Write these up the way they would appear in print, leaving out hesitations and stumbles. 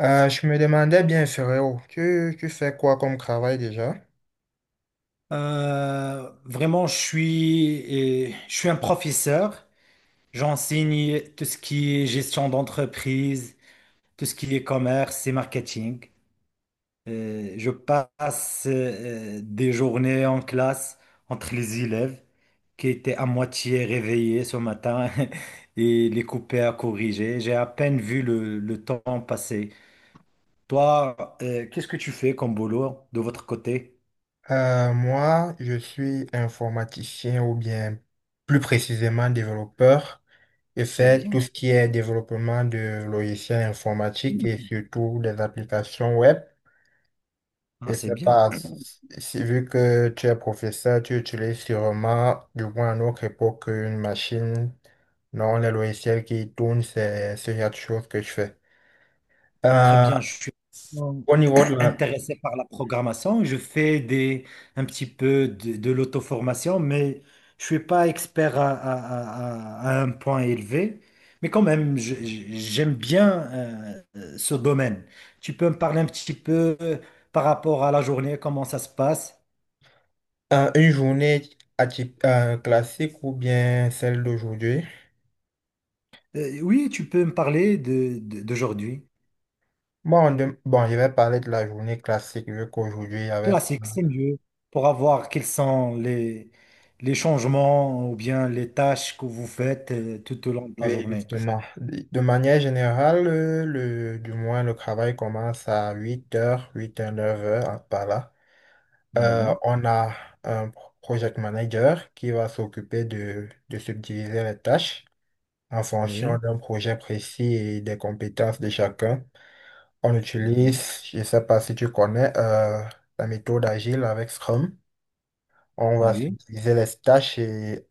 Je me demandais bien, frérot, tu fais quoi comme travail déjà? Vraiment, je suis un professeur. J'enseigne tout ce qui est gestion d'entreprise, tout ce qui est commerce et marketing. Je passe des journées en classe entre les élèves qui étaient à moitié réveillés ce matin et les couper à corriger. J'ai à peine vu le temps passer. Toi, qu'est-ce que tu fais comme boulot de votre côté? Moi, je suis informaticien ou bien plus précisément développeur. Je C'est fais tout bien. ce qui est développement de logiciels informatiques et surtout des applications web. Ah, Je c'est sais bien. pas, si, vu que tu es professeur, tu utilises sûrement, du moins à notre époque, une machine. Non, les logiciels qui tournent, c'est ce genre de choses que je fais. Très Euh, bien, je suis au niveau de la- intéressé par la programmation. Un petit peu de l'auto-formation, mais je suis pas expert à un point élevé. Mais quand même, j'aime bien ce domaine. Tu peux me parler un petit peu par rapport à la journée, comment ça se passe? Une journée classique ou bien celle d'aujourd'hui? Oui, tu peux me parler d'aujourd'hui. Bon, je vais parler de la journée classique vu qu'aujourd'hui, il y avait. Classique, c'est mieux pour avoir quels sont les changements ou bien les tâches que vous faites tout au long de la Oui, journée. justement. De manière générale, le, du moins, le travail commence à 8h, 8h, 9h hein, par là. Ah oui, On a un project manager qui va s'occuper de subdiviser les tâches en fonction oui, d'un projet précis et des compétences de chacun. On mhm. utilise, je ne sais pas si tu connais, la méthode agile avec Scrum. On Ah va oui. utiliser les tâches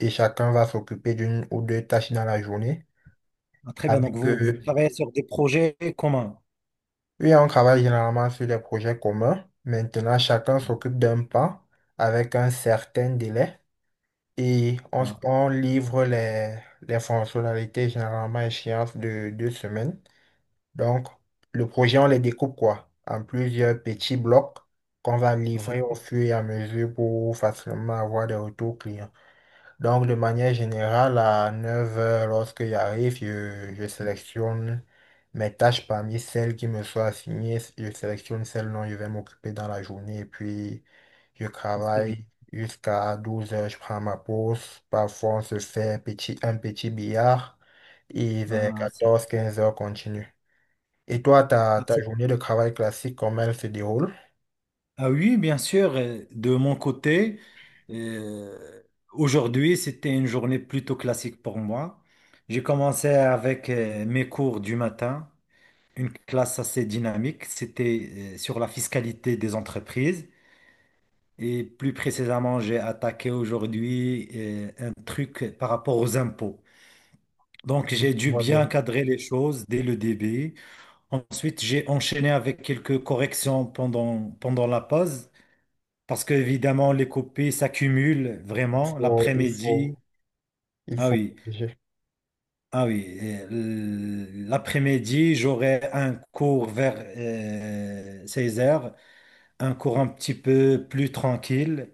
et chacun va s'occuper d'une ou deux tâches dans la journée. Ah, très bien, donc Avec, vous euh, travaillez sur des projets communs. oui, on travaille généralement sur des projets communs. Maintenant, chacun s'occupe d'un pas avec un certain délai et Ah, on livre les fonctionnalités généralement à échéance de 2 semaines. Donc, le projet, on les découpe quoi? En plusieurs petits blocs qu'on va ah, c'est livrer au très- fur et à mesure pour facilement avoir des retours clients. Donc, de manière générale, à 9h, lorsque j'arrive, je sélectionne mes tâches parmi celles qui me sont assignées. Je sélectionne celles dont je vais m'occuper dans la journée et puis je ah, c'est bien. travaille jusqu'à 12h. Je prends ma pause. Parfois, on se fait un petit billard et vers Ah, c'est- 14h 15h continue. Et toi, ah, ta c'est- journée de travail classique, comment elle se déroule? ah oui, bien sûr, de mon côté, euh, aujourd'hui, c'était une journée plutôt classique pour moi. J'ai commencé avec mes cours du matin. Une classe assez dynamique. C'était sur la fiscalité des entreprises. Et plus précisément, j'ai attaqué aujourd'hui un truc par rapport aux impôts. Donc, Je j'ai dû vois bien bien. cadrer les choses dès le début. Ensuite, j'ai enchaîné avec quelques corrections pendant la pause, parce que évidemment, les copies s'accumulent Il vraiment faut, il faut, l'après-midi. il Ah faut oui, protéger. ah oui. L'après-midi, j'aurai un cours vers 16 heures, un cours un petit peu plus tranquille.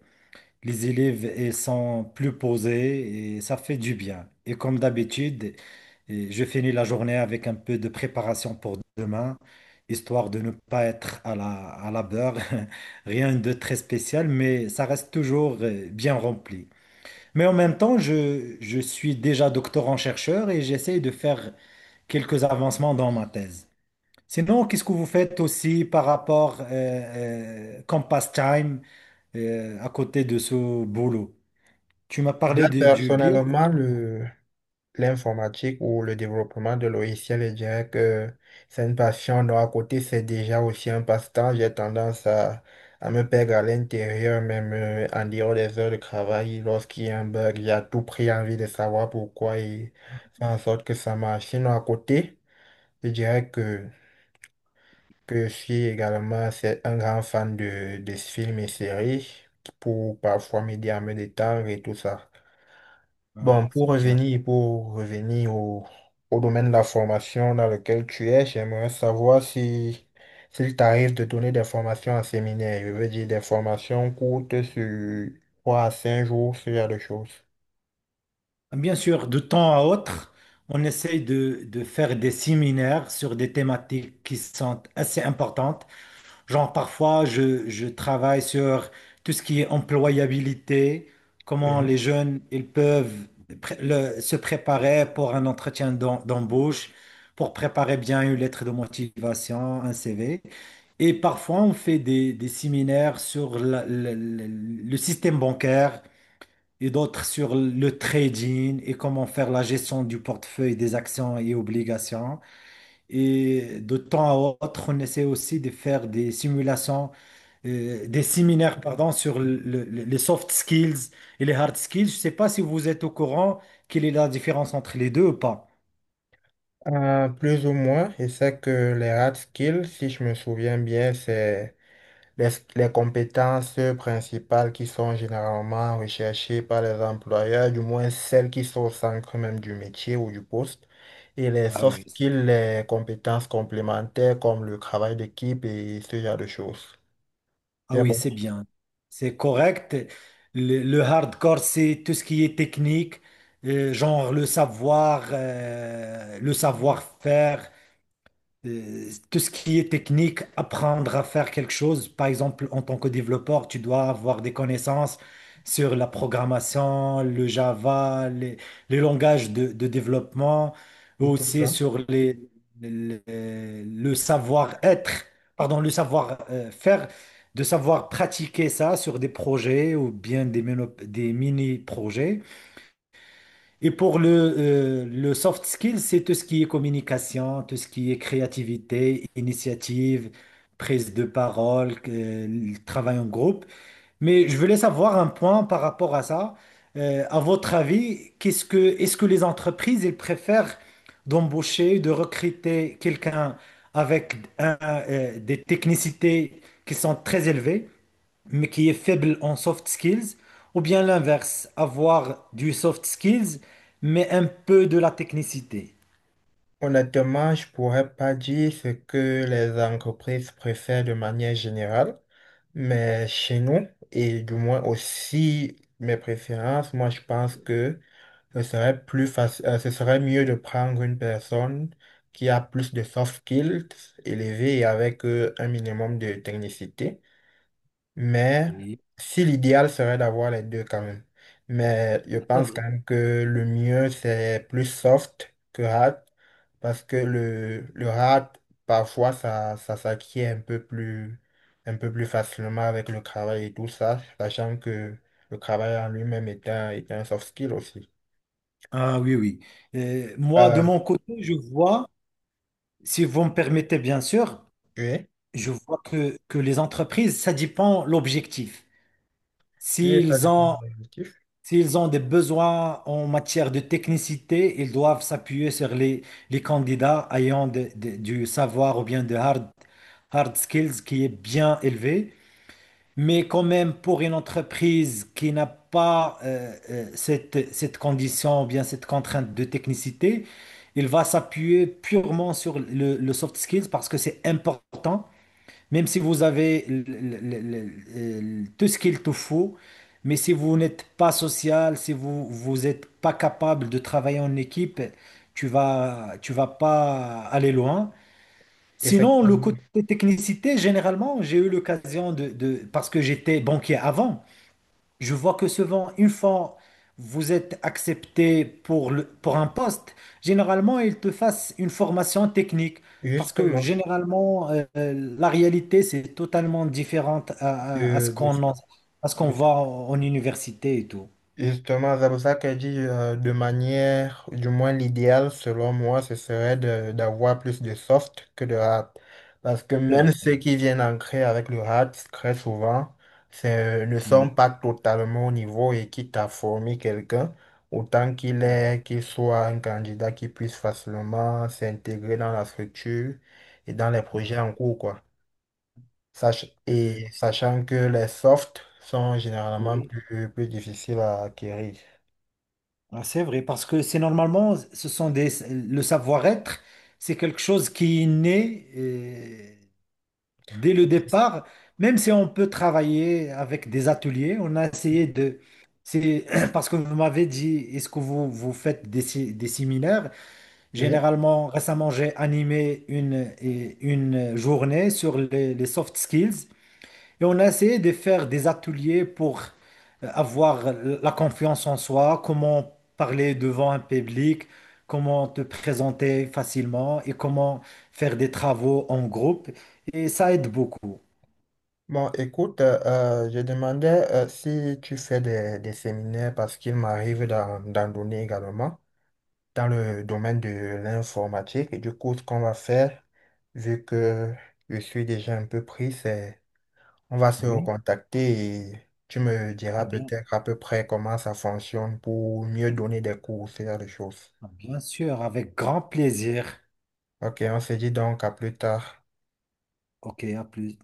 Les élèves ils sont plus posés et ça fait du bien. Et comme d'habitude, et je finis la journée avec un peu de préparation pour demain, histoire de ne pas être à la beurre. Rien de très spécial, mais ça reste toujours bien rempli. Mais en même temps, je suis déjà doctorant-chercheur et j'essaye de faire quelques avancements dans ma thèse. Sinon, qu'est-ce que vous faites aussi par rapport comme pastime? À côté de ce boulot. Tu m'as Déjà, parlé de- du bien. personnellement, l'informatique ou le développement de logiciels, je dirais que c'est une passion. Donc, à côté, c'est déjà aussi un passe-temps. J'ai tendance à me perdre à l'intérieur, même en dehors des heures de travail. Lorsqu'il y a un bug, j'ai à tout prix envie de savoir pourquoi et faire en sorte que ça marche. Sinon, à côté, je dirais que je suis également c'est un grand fan de films et séries pour parfois m'aider à me détendre et tout ça. Ah, Bon, c'est bien. Pour revenir au domaine de la formation dans lequel tu es, j'aimerais savoir si s'il t'arrive de donner des formations en séminaire, je veux dire des formations courtes sur 3 à 5 jours, ce genre de choses. Bien sûr, de temps à autre, on essaye de faire des séminaires sur des thématiques qui sont assez importantes. Genre, parfois, je travaille sur tout ce qui est employabilité, comment les Oui. jeunes ils peuvent se préparer pour un entretien d'embauche, pour préparer bien une lettre de motivation, un CV. Et parfois, on fait des séminaires sur le système bancaire et d'autres sur le trading et comment faire la gestion du portefeuille des actions et obligations. Et de temps à autre, on essaie aussi de faire des simulations des séminaires, pardon, sur les soft skills et les hard skills. Je ne sais pas si vous êtes au courant quelle est la différence entre les deux ou pas. Plus ou moins, et c'est que les hard skills, si je me souviens bien, c'est Les, les compétences principales qui sont généralement recherchées par les employeurs, du moins celles qui sont au centre même du métier ou du poste, et les Ah soft oui. c- skills, les compétences complémentaires comme le travail d'équipe et ce genre de choses. Ah J'ai oui, bon, c'est bien. C'est correct. Le hardcore, c'est tout ce qui est technique, genre le savoir, le savoir-faire. Tout ce qui est technique, apprendre à faire quelque chose. Par exemple, en tant que développeur, tu dois avoir des connaissances sur la programmation, le Java, les langages de développement, c'est tout aussi ça. sur le savoir-être, pardon, le savoir-faire, de savoir pratiquer ça sur des projets ou bien des mini-projets. Et pour le soft skill, c'est tout ce qui est communication, tout ce qui est créativité, initiative, prise de parole, le travail en groupe. Mais je voulais savoir un point par rapport à ça. À votre avis, est-ce que les entreprises, elles préfèrent d'embaucher, de recruter quelqu'un avec des technicités qui sont très élevées, mais qui est faible en soft skills, ou bien l'inverse, avoir du soft skills, mais un peu de la technicité? Honnêtement, je pourrais pas dire ce que les entreprises préfèrent de manière générale, mais chez nous, et du moins aussi mes préférences, moi je pense que ce serait plus facile, ce serait mieux de prendre une personne qui a plus de soft skills élevés et avec un minimum de technicité. Mais Oui. si l'idéal serait d'avoir les deux quand même. Mais je pense quand même que le mieux, c'est plus soft que hard parce que le hard, parfois, ça s'acquiert un peu plus facilement avec le travail et tout ça, sachant que le travail en lui-même est un soft skill aussi. Ah oui, oui. Moi, de Euh, mon côté, je vois, si vous me permettez, bien sûr. Oui, Je vois que les entreprises, ça dépend l'objectif. oui, ça S'ils dépend ont, de l'objectif. s'ils ont des besoins en matière de technicité, ils doivent s'appuyer sur les candidats ayant du savoir ou bien de hard skills qui est bien élevé. Mais quand même, pour une entreprise qui n'a pas cette condition ou bien cette contrainte de technicité, il va s'appuyer purement sur le soft skills parce que c'est important même si vous avez tout ce qu'il te faut, mais si vous n'êtes pas social, si vous n'êtes pas capable de travailler en équipe, tu vas pas aller loin. Sinon, le Effectivement, côté technicité, généralement, j'ai eu l'occasion parce que j'étais banquier avant. Je vois que souvent, une fois vous êtes accepté pour pour un poste, généralement, ils te fassent une formation technique. Parce que justement, généralement, la réalité, c'est totalement différente de, de, à ce qu'on de- voit en université et tout. justement, c'est pour ça qu'elle dit de manière, du moins l'idéal selon moi, ce serait d'avoir plus de soft que de hard. Parce que C'est même ceux vrai. qui viennent ancrer avec le hard, très souvent, ne sont Mhm. pas totalement au niveau et quitte à former quelqu'un, autant qu'il soit un candidat qui puisse facilement s'intégrer dans la structure et dans les projets en cours, quoi. Sach- Euh, et sachant que les softs sont généralement oui. Plus difficiles à acquérir. Ah, c'est vrai, parce que c'est normalement, ce sont le savoir-être, c'est quelque chose qui est né. Dès le départ, même si on peut travailler avec des ateliers, on a essayé de... C'est parce que vous m'avez dit, est-ce que vous faites des séminaires? Oui. Généralement, récemment, j'ai animé une journée sur les soft skills et on a essayé de faire des ateliers pour avoir la confiance en soi, comment parler devant un public, comment te présenter facilement et comment faire des travaux en groupe. Et ça aide beaucoup. Bon, écoute, je demandais si tu fais des séminaires parce qu'il m'arrive d'en donner également dans le domaine de l'informatique. Et du coup, ce qu'on va faire, vu que je suis déjà un peu pris, c'est on va se Oui, recontacter et tu me diras ah bien, peut-être à peu près comment ça fonctionne pour mieux donner des cours, ce genre de choses. ah bien sûr, avec grand plaisir. Ok, on se dit donc à plus tard. Ok, à plus.